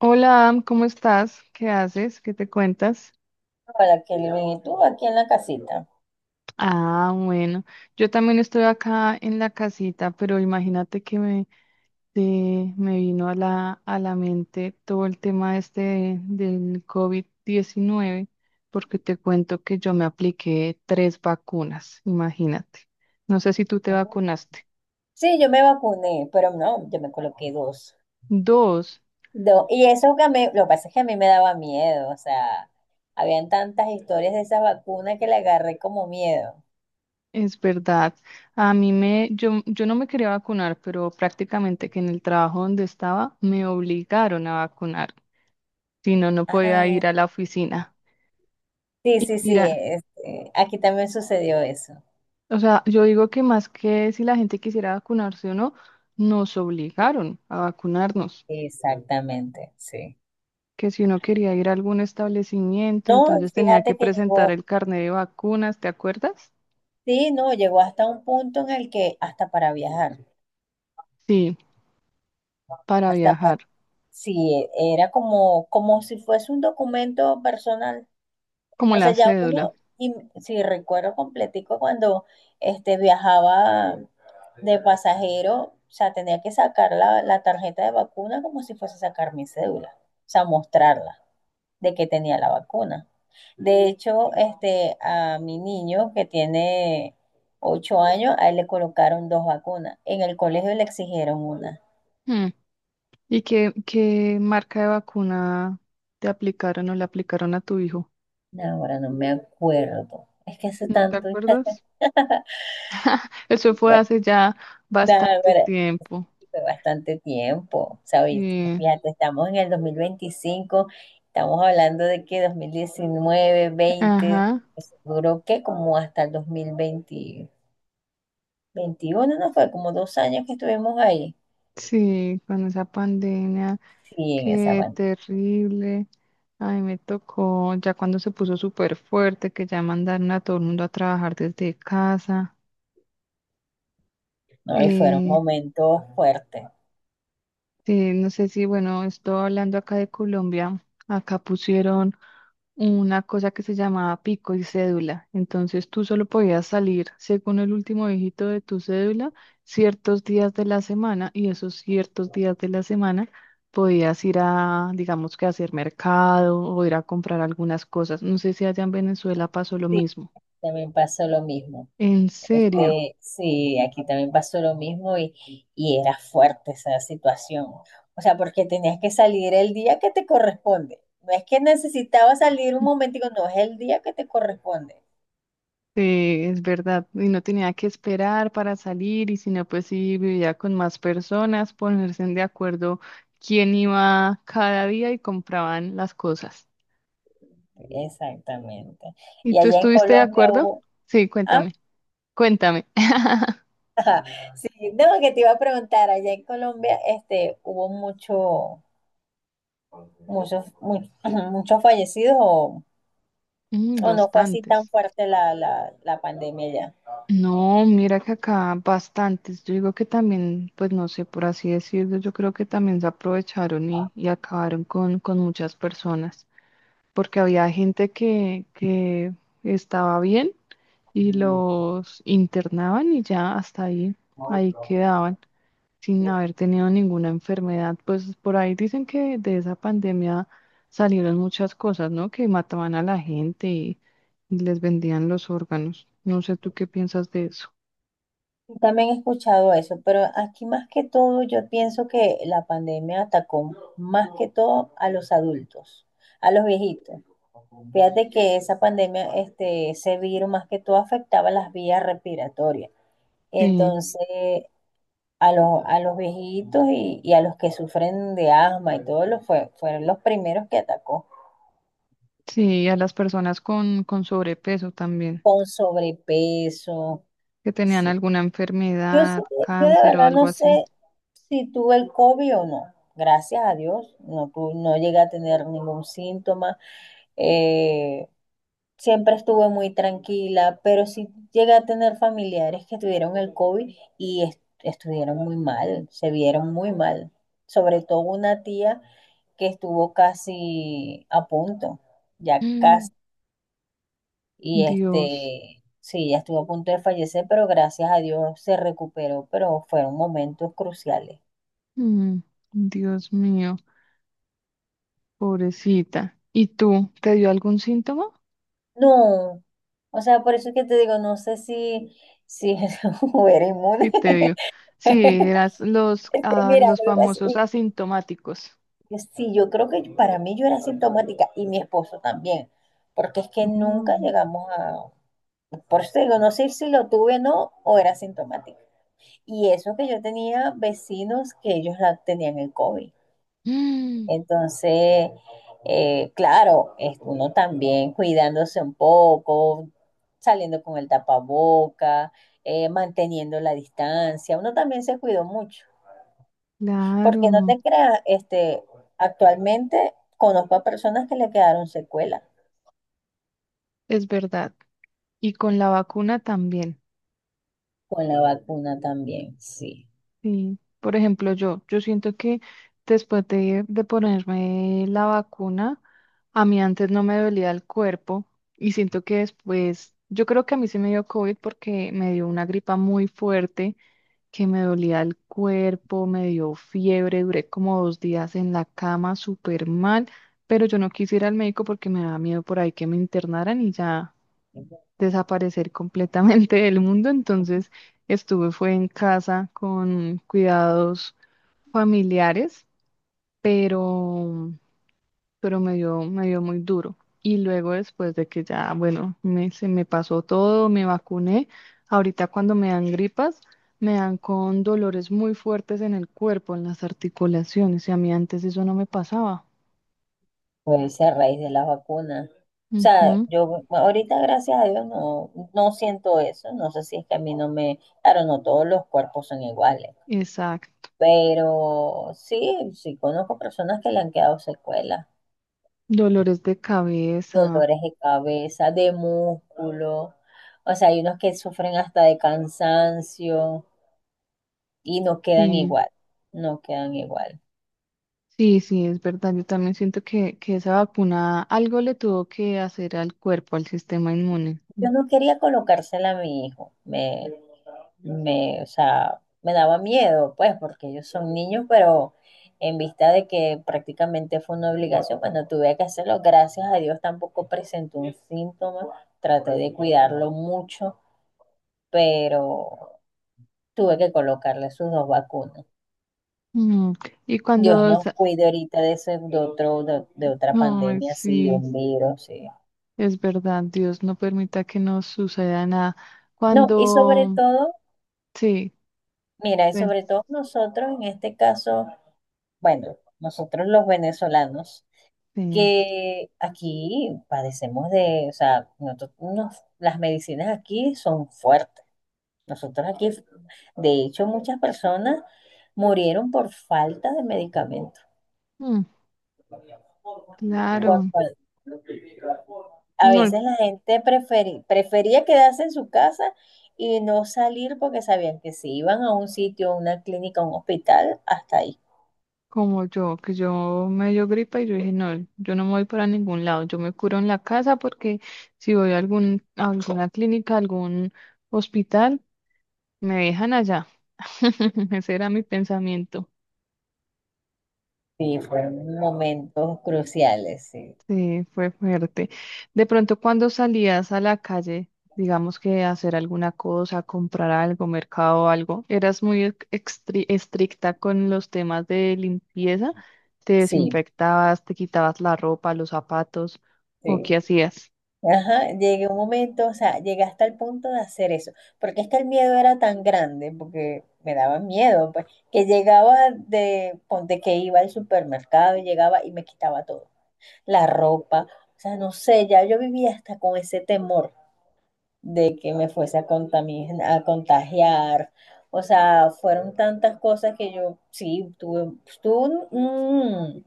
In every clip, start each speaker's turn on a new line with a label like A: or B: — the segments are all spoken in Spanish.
A: Hola, Am, ¿cómo estás? ¿Qué haces? ¿Qué te cuentas?
B: Hola, Kelvin, ¿y tú aquí en la casita?
A: Ah, bueno, yo también estoy acá en la casita, pero imagínate que me vino a la mente todo el tema este del COVID-19, porque te cuento que yo me apliqué tres vacunas, imagínate. No sé si tú te
B: Ujú.
A: vacunaste.
B: Sí, yo me vacuné, pero no, yo me coloqué dos.
A: Dos.
B: Dos. Y eso que a mí, lo que pasa es que a mí me daba miedo, o sea, habían tantas historias de esa vacuna que le agarré como miedo.
A: Es verdad. A mí me, yo no me quería vacunar, pero prácticamente que en el trabajo donde estaba me obligaron a vacunar, si no, no podía
B: Ah,
A: ir a la oficina.
B: sí,
A: Y
B: sí, sí,
A: mira,
B: aquí también sucedió eso.
A: o sea, yo digo que más que si la gente quisiera vacunarse o no, nos obligaron a vacunarnos,
B: Exactamente, sí.
A: que si uno quería ir a algún establecimiento,
B: No,
A: entonces tenía que
B: fíjate que
A: presentar
B: llegó,
A: el carnet de vacunas, ¿te acuerdas?
B: sí, no, llegó hasta un punto en el que hasta para viajar,
A: Sí, para
B: hasta para,
A: viajar,
B: sí, era como, como si fuese un documento personal.
A: como
B: O sea,
A: la
B: ya
A: cédula.
B: uno, y si recuerdo completico cuando viajaba de pasajero, o sea, tenía que sacar la tarjeta de vacuna como si fuese a sacar mi cédula, o sea, mostrarla de que tenía la vacuna. De hecho, a mi niño que tiene 8 años, a él le colocaron dos vacunas. En el colegio le exigieron una.
A: Hmm. ¿Y qué marca de vacuna te aplicaron o le aplicaron a tu hijo?
B: No, ahora no me acuerdo. Es que hace
A: ¿No te
B: tanto.
A: acuerdas? Eso fue hace ya
B: Nah,
A: bastante tiempo.
B: fue bastante tiempo, ¿sabes?
A: Sí,
B: Fíjate, estamos en el 2025, estamos hablando de que 2019, 20,
A: ajá.
B: eso duró que como hasta el 2020, veintiuno, ¿no fue? Como dos años que estuvimos ahí,
A: Sí, con esa pandemia,
B: sí, en esa
A: qué
B: banda,
A: terrible. Ay, me tocó ya cuando se puso súper fuerte, que ya mandaron a todo el mundo a trabajar desde casa.
B: ¿no? Y fueron
A: Eh,
B: momentos fuertes.
A: sí, no sé si, bueno, estoy hablando acá de Colombia. Acá pusieron una cosa que se llamaba pico y cédula. Entonces tú solo podías salir según el último dígito de tu cédula ciertos días de la semana y esos ciertos días de la semana podías ir a, digamos que a hacer mercado o ir a comprar algunas cosas. No sé si allá en Venezuela pasó lo
B: Sí,
A: mismo.
B: también pasó lo mismo.
A: En serio.
B: Sí, aquí también pasó lo mismo y era fuerte esa situación. O sea, porque tenías que salir el día que te corresponde. No es que necesitaba salir un momentico, no, es el día que te corresponde.
A: Sí, es verdad. Y no tenía que esperar para salir, y si no, pues sí, vivía con más personas, ponerse de acuerdo quién iba cada día y compraban las cosas.
B: Exactamente.
A: ¿Y
B: Y
A: tú
B: allá en
A: estuviste de
B: Colombia
A: acuerdo?
B: hubo,
A: Sí,
B: ah,
A: cuéntame, cuéntame.
B: sí, no, que te iba a preguntar, allá en Colombia, hubo mucho, muchos, mu- muchos fallecidos
A: Mm,
B: o no fue así tan
A: bastantes.
B: fuerte la pandemia.
A: No, mira que acá bastantes. Yo digo que también, pues no sé, por así decirlo, yo creo que también se aprovecharon y acabaron con muchas personas, porque había gente que estaba bien y los internaban y ya hasta ahí quedaban sin haber tenido ninguna enfermedad. Pues por ahí dicen que de esa pandemia salieron muchas cosas, ¿no? Que mataban a la gente y les vendían los órganos. No sé tú qué piensas de eso.
B: También he escuchado eso, pero aquí más que todo yo pienso que la pandemia atacó más que todo a los adultos, a los viejitos. Fíjate que esa pandemia, ese virus más que todo afectaba las vías respiratorias.
A: Sí,
B: Entonces, a los viejitos y a los que sufren de asma y todo lo fue, fueron los primeros que atacó,
A: sí, a las personas con sobrepeso también,
B: con sobrepeso.
A: que tenían
B: Sí,
A: alguna
B: Yo, sé-
A: enfermedad,
B: yo de
A: cáncer o
B: verdad
A: algo
B: no
A: así.
B: sé si tuve el COVID o no. Gracias a Dios, no, no llegué a tener ningún síntoma. Eh, siempre estuve muy tranquila, pero sí llegué a tener familiares que tuvieron el COVID y estuvieron muy mal, se vieron muy mal. Sobre todo una tía que estuvo casi a punto, ya
A: Mm,
B: casi y
A: Dios,
B: sí, ya estuvo a punto de fallecer, pero gracias a Dios se recuperó, pero fueron momentos cruciales.
A: mm, Dios mío. Pobrecita. ¿Y tú? ¿Te dio algún síntoma?
B: No, o sea, por eso es que te digo, no sé si era
A: Sí,
B: inmune.
A: te dio. Sí, eras los, ah,
B: Mira,
A: los
B: lo que pasa-
A: famosos asintomáticos.
B: y sí, yo creo que para mí yo era sintomática y mi esposo también, porque es que
A: Oh.
B: nunca llegamos a, por eso te digo, no sé si lo tuve o no, o era sintomática. Y eso que yo tenía vecinos que ellos la tenían el COVID.
A: Mm,
B: Entonces, claro, es uno también cuidándose un poco, saliendo con el tapaboca, manteniendo la distancia, uno también se cuidó mucho, porque no
A: claro,
B: te creas, actualmente conozco a personas que le quedaron secuelas
A: es verdad. Y con la vacuna también.
B: con la vacuna también, sí,
A: Sí. Por ejemplo, yo siento que después de ponerme la vacuna, a mí antes no me dolía el cuerpo y siento que después, yo creo que a mí sí me dio COVID porque me dio una gripa muy fuerte que me dolía el cuerpo, me dio fiebre, duré como dos días en la cama súper mal, pero yo no quise ir al médico porque me daba miedo por ahí que me internaran y ya desaparecer completamente del mundo, entonces estuve fue en casa con cuidados familiares, pero pero me dio muy duro. Y luego después de que ya, bueno, se me pasó todo, me vacuné, ahorita cuando me dan gripas, me dan con dolores muy fuertes en el cuerpo, en las articulaciones, y a mí antes eso no me pasaba.
B: puede ser a raíz de la vacuna. O sea,
A: Ujú,
B: yo ahorita, gracias a Dios, no, no siento eso. No sé si es que a mí no me... Claro, no todos los cuerpos son iguales.
A: exacto.
B: Pero sí, sí conozco personas que le han quedado secuelas,
A: Dolores de cabeza,
B: dolores de cabeza, de músculo. O sea, hay unos que sufren hasta de cansancio y no quedan
A: sí.
B: igual, no quedan igual.
A: Sí, sí, es verdad. Yo también siento que esa vacuna algo le tuvo que hacer al cuerpo, al sistema inmune.
B: Yo no quería colocársela a mi hijo, o sea, me daba miedo, pues, porque ellos son niños, pero en vista de que prácticamente fue una obligación, bueno, tuve que hacerlo. Gracias a Dios tampoco presentó un síntoma, traté de cuidarlo mucho, pero tuve que colocarle sus dos vacunas.
A: Mm, Y
B: Dios
A: cuando,
B: nos
A: sa-
B: cuide ahorita de ese, de otro, de otra
A: Ay,
B: pandemia así, de
A: sí.
B: un virus, sí.
A: Es verdad, Dios no permita que nos suceda nada.
B: No, y sobre
A: Cuando,
B: todo,
A: sí,
B: mira, y
A: ven,
B: sobre todo nosotros en este caso, bueno, nosotros los venezolanos,
A: sí,
B: que aquí padecemos de, o sea, las medicinas aquí son fuertes. Nosotros aquí, de hecho, muchas personas murieron por falta de medicamentos.
A: mm, claro,
B: A
A: no,
B: veces la gente prefería quedarse en su casa y no salir porque sabían que si iban a un sitio, a una clínica, a un hospital, hasta ahí.
A: como yo, que yo me dio gripa y yo dije, no, yo no me voy para ningún lado, yo me curo en la casa porque si voy a alguna clínica, a algún hospital, me dejan allá. Ese era mi pensamiento.
B: Sí, fueron momentos cruciales, sí.
A: Sí, fue fuerte. De pronto cuando salías a la calle, digamos que a hacer alguna cosa, comprar algo, mercado o algo, ¿eras muy estricta con los temas de limpieza? ¿Te
B: Sí,
A: desinfectabas, te quitabas la ropa, los zapatos o qué
B: sí.
A: hacías?
B: Ajá, llegué un momento, o sea, llegué hasta el punto de hacer eso, porque es que el miedo era tan grande, porque me daba miedo, pues, que llegaba de, ponte que iba al supermercado, llegaba y me quitaba todo, la ropa, o sea, no sé, ya yo vivía hasta con ese temor de que me fuese a a contagiar. O sea, fueron tantas cosas que yo sí tuve, tuve un, un-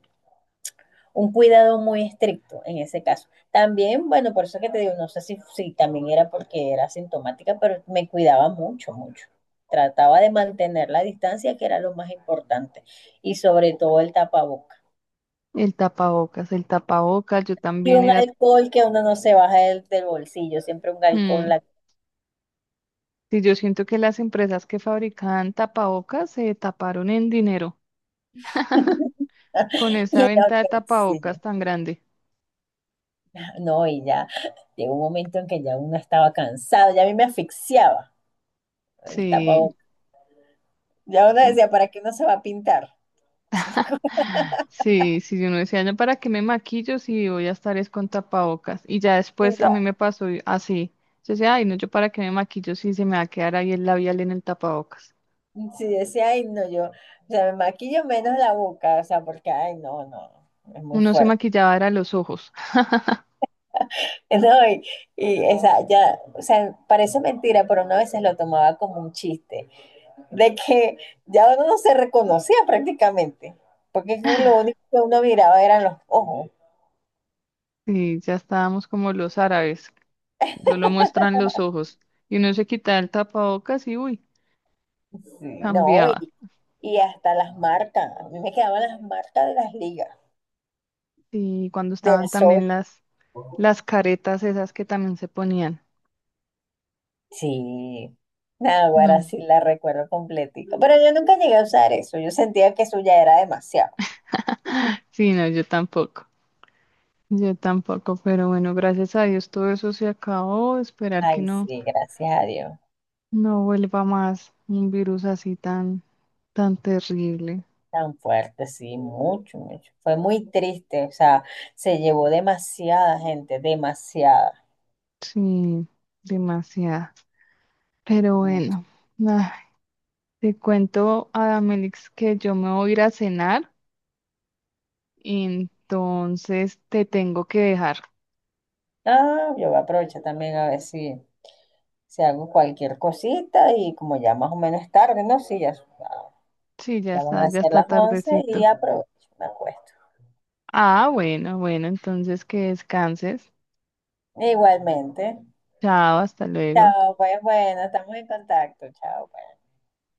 B: un cuidado muy estricto en ese caso. También, bueno, por eso que te digo, no sé si también era porque era sintomática, pero me cuidaba mucho, mucho. Trataba de mantener la distancia, que era lo más importante, y sobre todo el tapaboca.
A: El tapabocas, yo
B: Y
A: también
B: un
A: era...
B: alcohol que uno no se baja del bolsillo, siempre un alcohol. En
A: mm,
B: la...
A: sí, yo siento que las empresas que fabricaban tapabocas se taparon en dinero con
B: Y
A: esa
B: lo
A: venta de
B: que-
A: tapabocas
B: sí.
A: tan grande.
B: No, y ya llegó un momento en que ya uno estaba cansado, ya a mí me asfixiaba el
A: Sí.
B: tapabocas. Ya uno decía, ¿para qué uno se va a pintar?
A: Sí, sí, uno decía, "No, ¿para qué me maquillo si voy a estar es con tapabocas?" Y ya
B: Sí,
A: después a mí
B: ya.
A: me pasó y- así. Yo decía, ay, no, yo para qué me maquillo si se me va a quedar ahí el labial en el tapabocas.
B: Sí, decía, ay, no, yo, o sea, me maquillo menos la boca, o sea, porque, ay, no, no, es muy
A: Uno se
B: fuerte.
A: maquillaba, era los ojos.
B: No, y esa, ya, o sea, parece mentira, pero uno a veces lo tomaba como un chiste, de que ya uno no se reconocía prácticamente, porque es que lo único que uno miraba eran los ojos.
A: Y ya estábamos como los árabes, solo muestran los ojos. Y uno se quitaba el tapabocas y uy,
B: Sí, no,
A: cambiaba.
B: y hasta las marcas. A mí me quedaban las marcas de las ligas,
A: Y cuando estaban
B: del sol.
A: también las caretas esas que también se ponían.
B: Sí. Nada, ahora
A: No.
B: sí la recuerdo completito. Pero yo nunca llegué a usar eso. Yo sentía que eso ya era demasiado.
A: Sí, no, yo tampoco. Yo tampoco, pero bueno, gracias a Dios todo eso se acabó. Esperar que
B: Ay,
A: no,
B: sí, gracias a Dios.
A: no vuelva más un virus así tan, tan terrible.
B: Tan fuerte, sí, mucho, mucho. Fue muy triste, o sea, se llevó demasiada gente, demasiada.
A: Sí, demasiado. Pero
B: Mucho.
A: bueno, ay, te cuento, Adamelix, que yo me voy a ir a cenar, entonces te tengo que dejar.
B: Ah, yo voy a aprovechar también a ver si, si hago cualquier cosita y como ya más o menos es tarde, ¿no? Sí, ya, ah,
A: Sí,
B: ya van a
A: ya
B: ser
A: está
B: las 11 y
A: tardecito.
B: aprovecho, me acuesto.
A: Ah, bueno, bueno, entonces que descanses.
B: Igualmente.
A: Chao, hasta luego.
B: Chao, pues bueno, estamos en contacto. Chao, pues.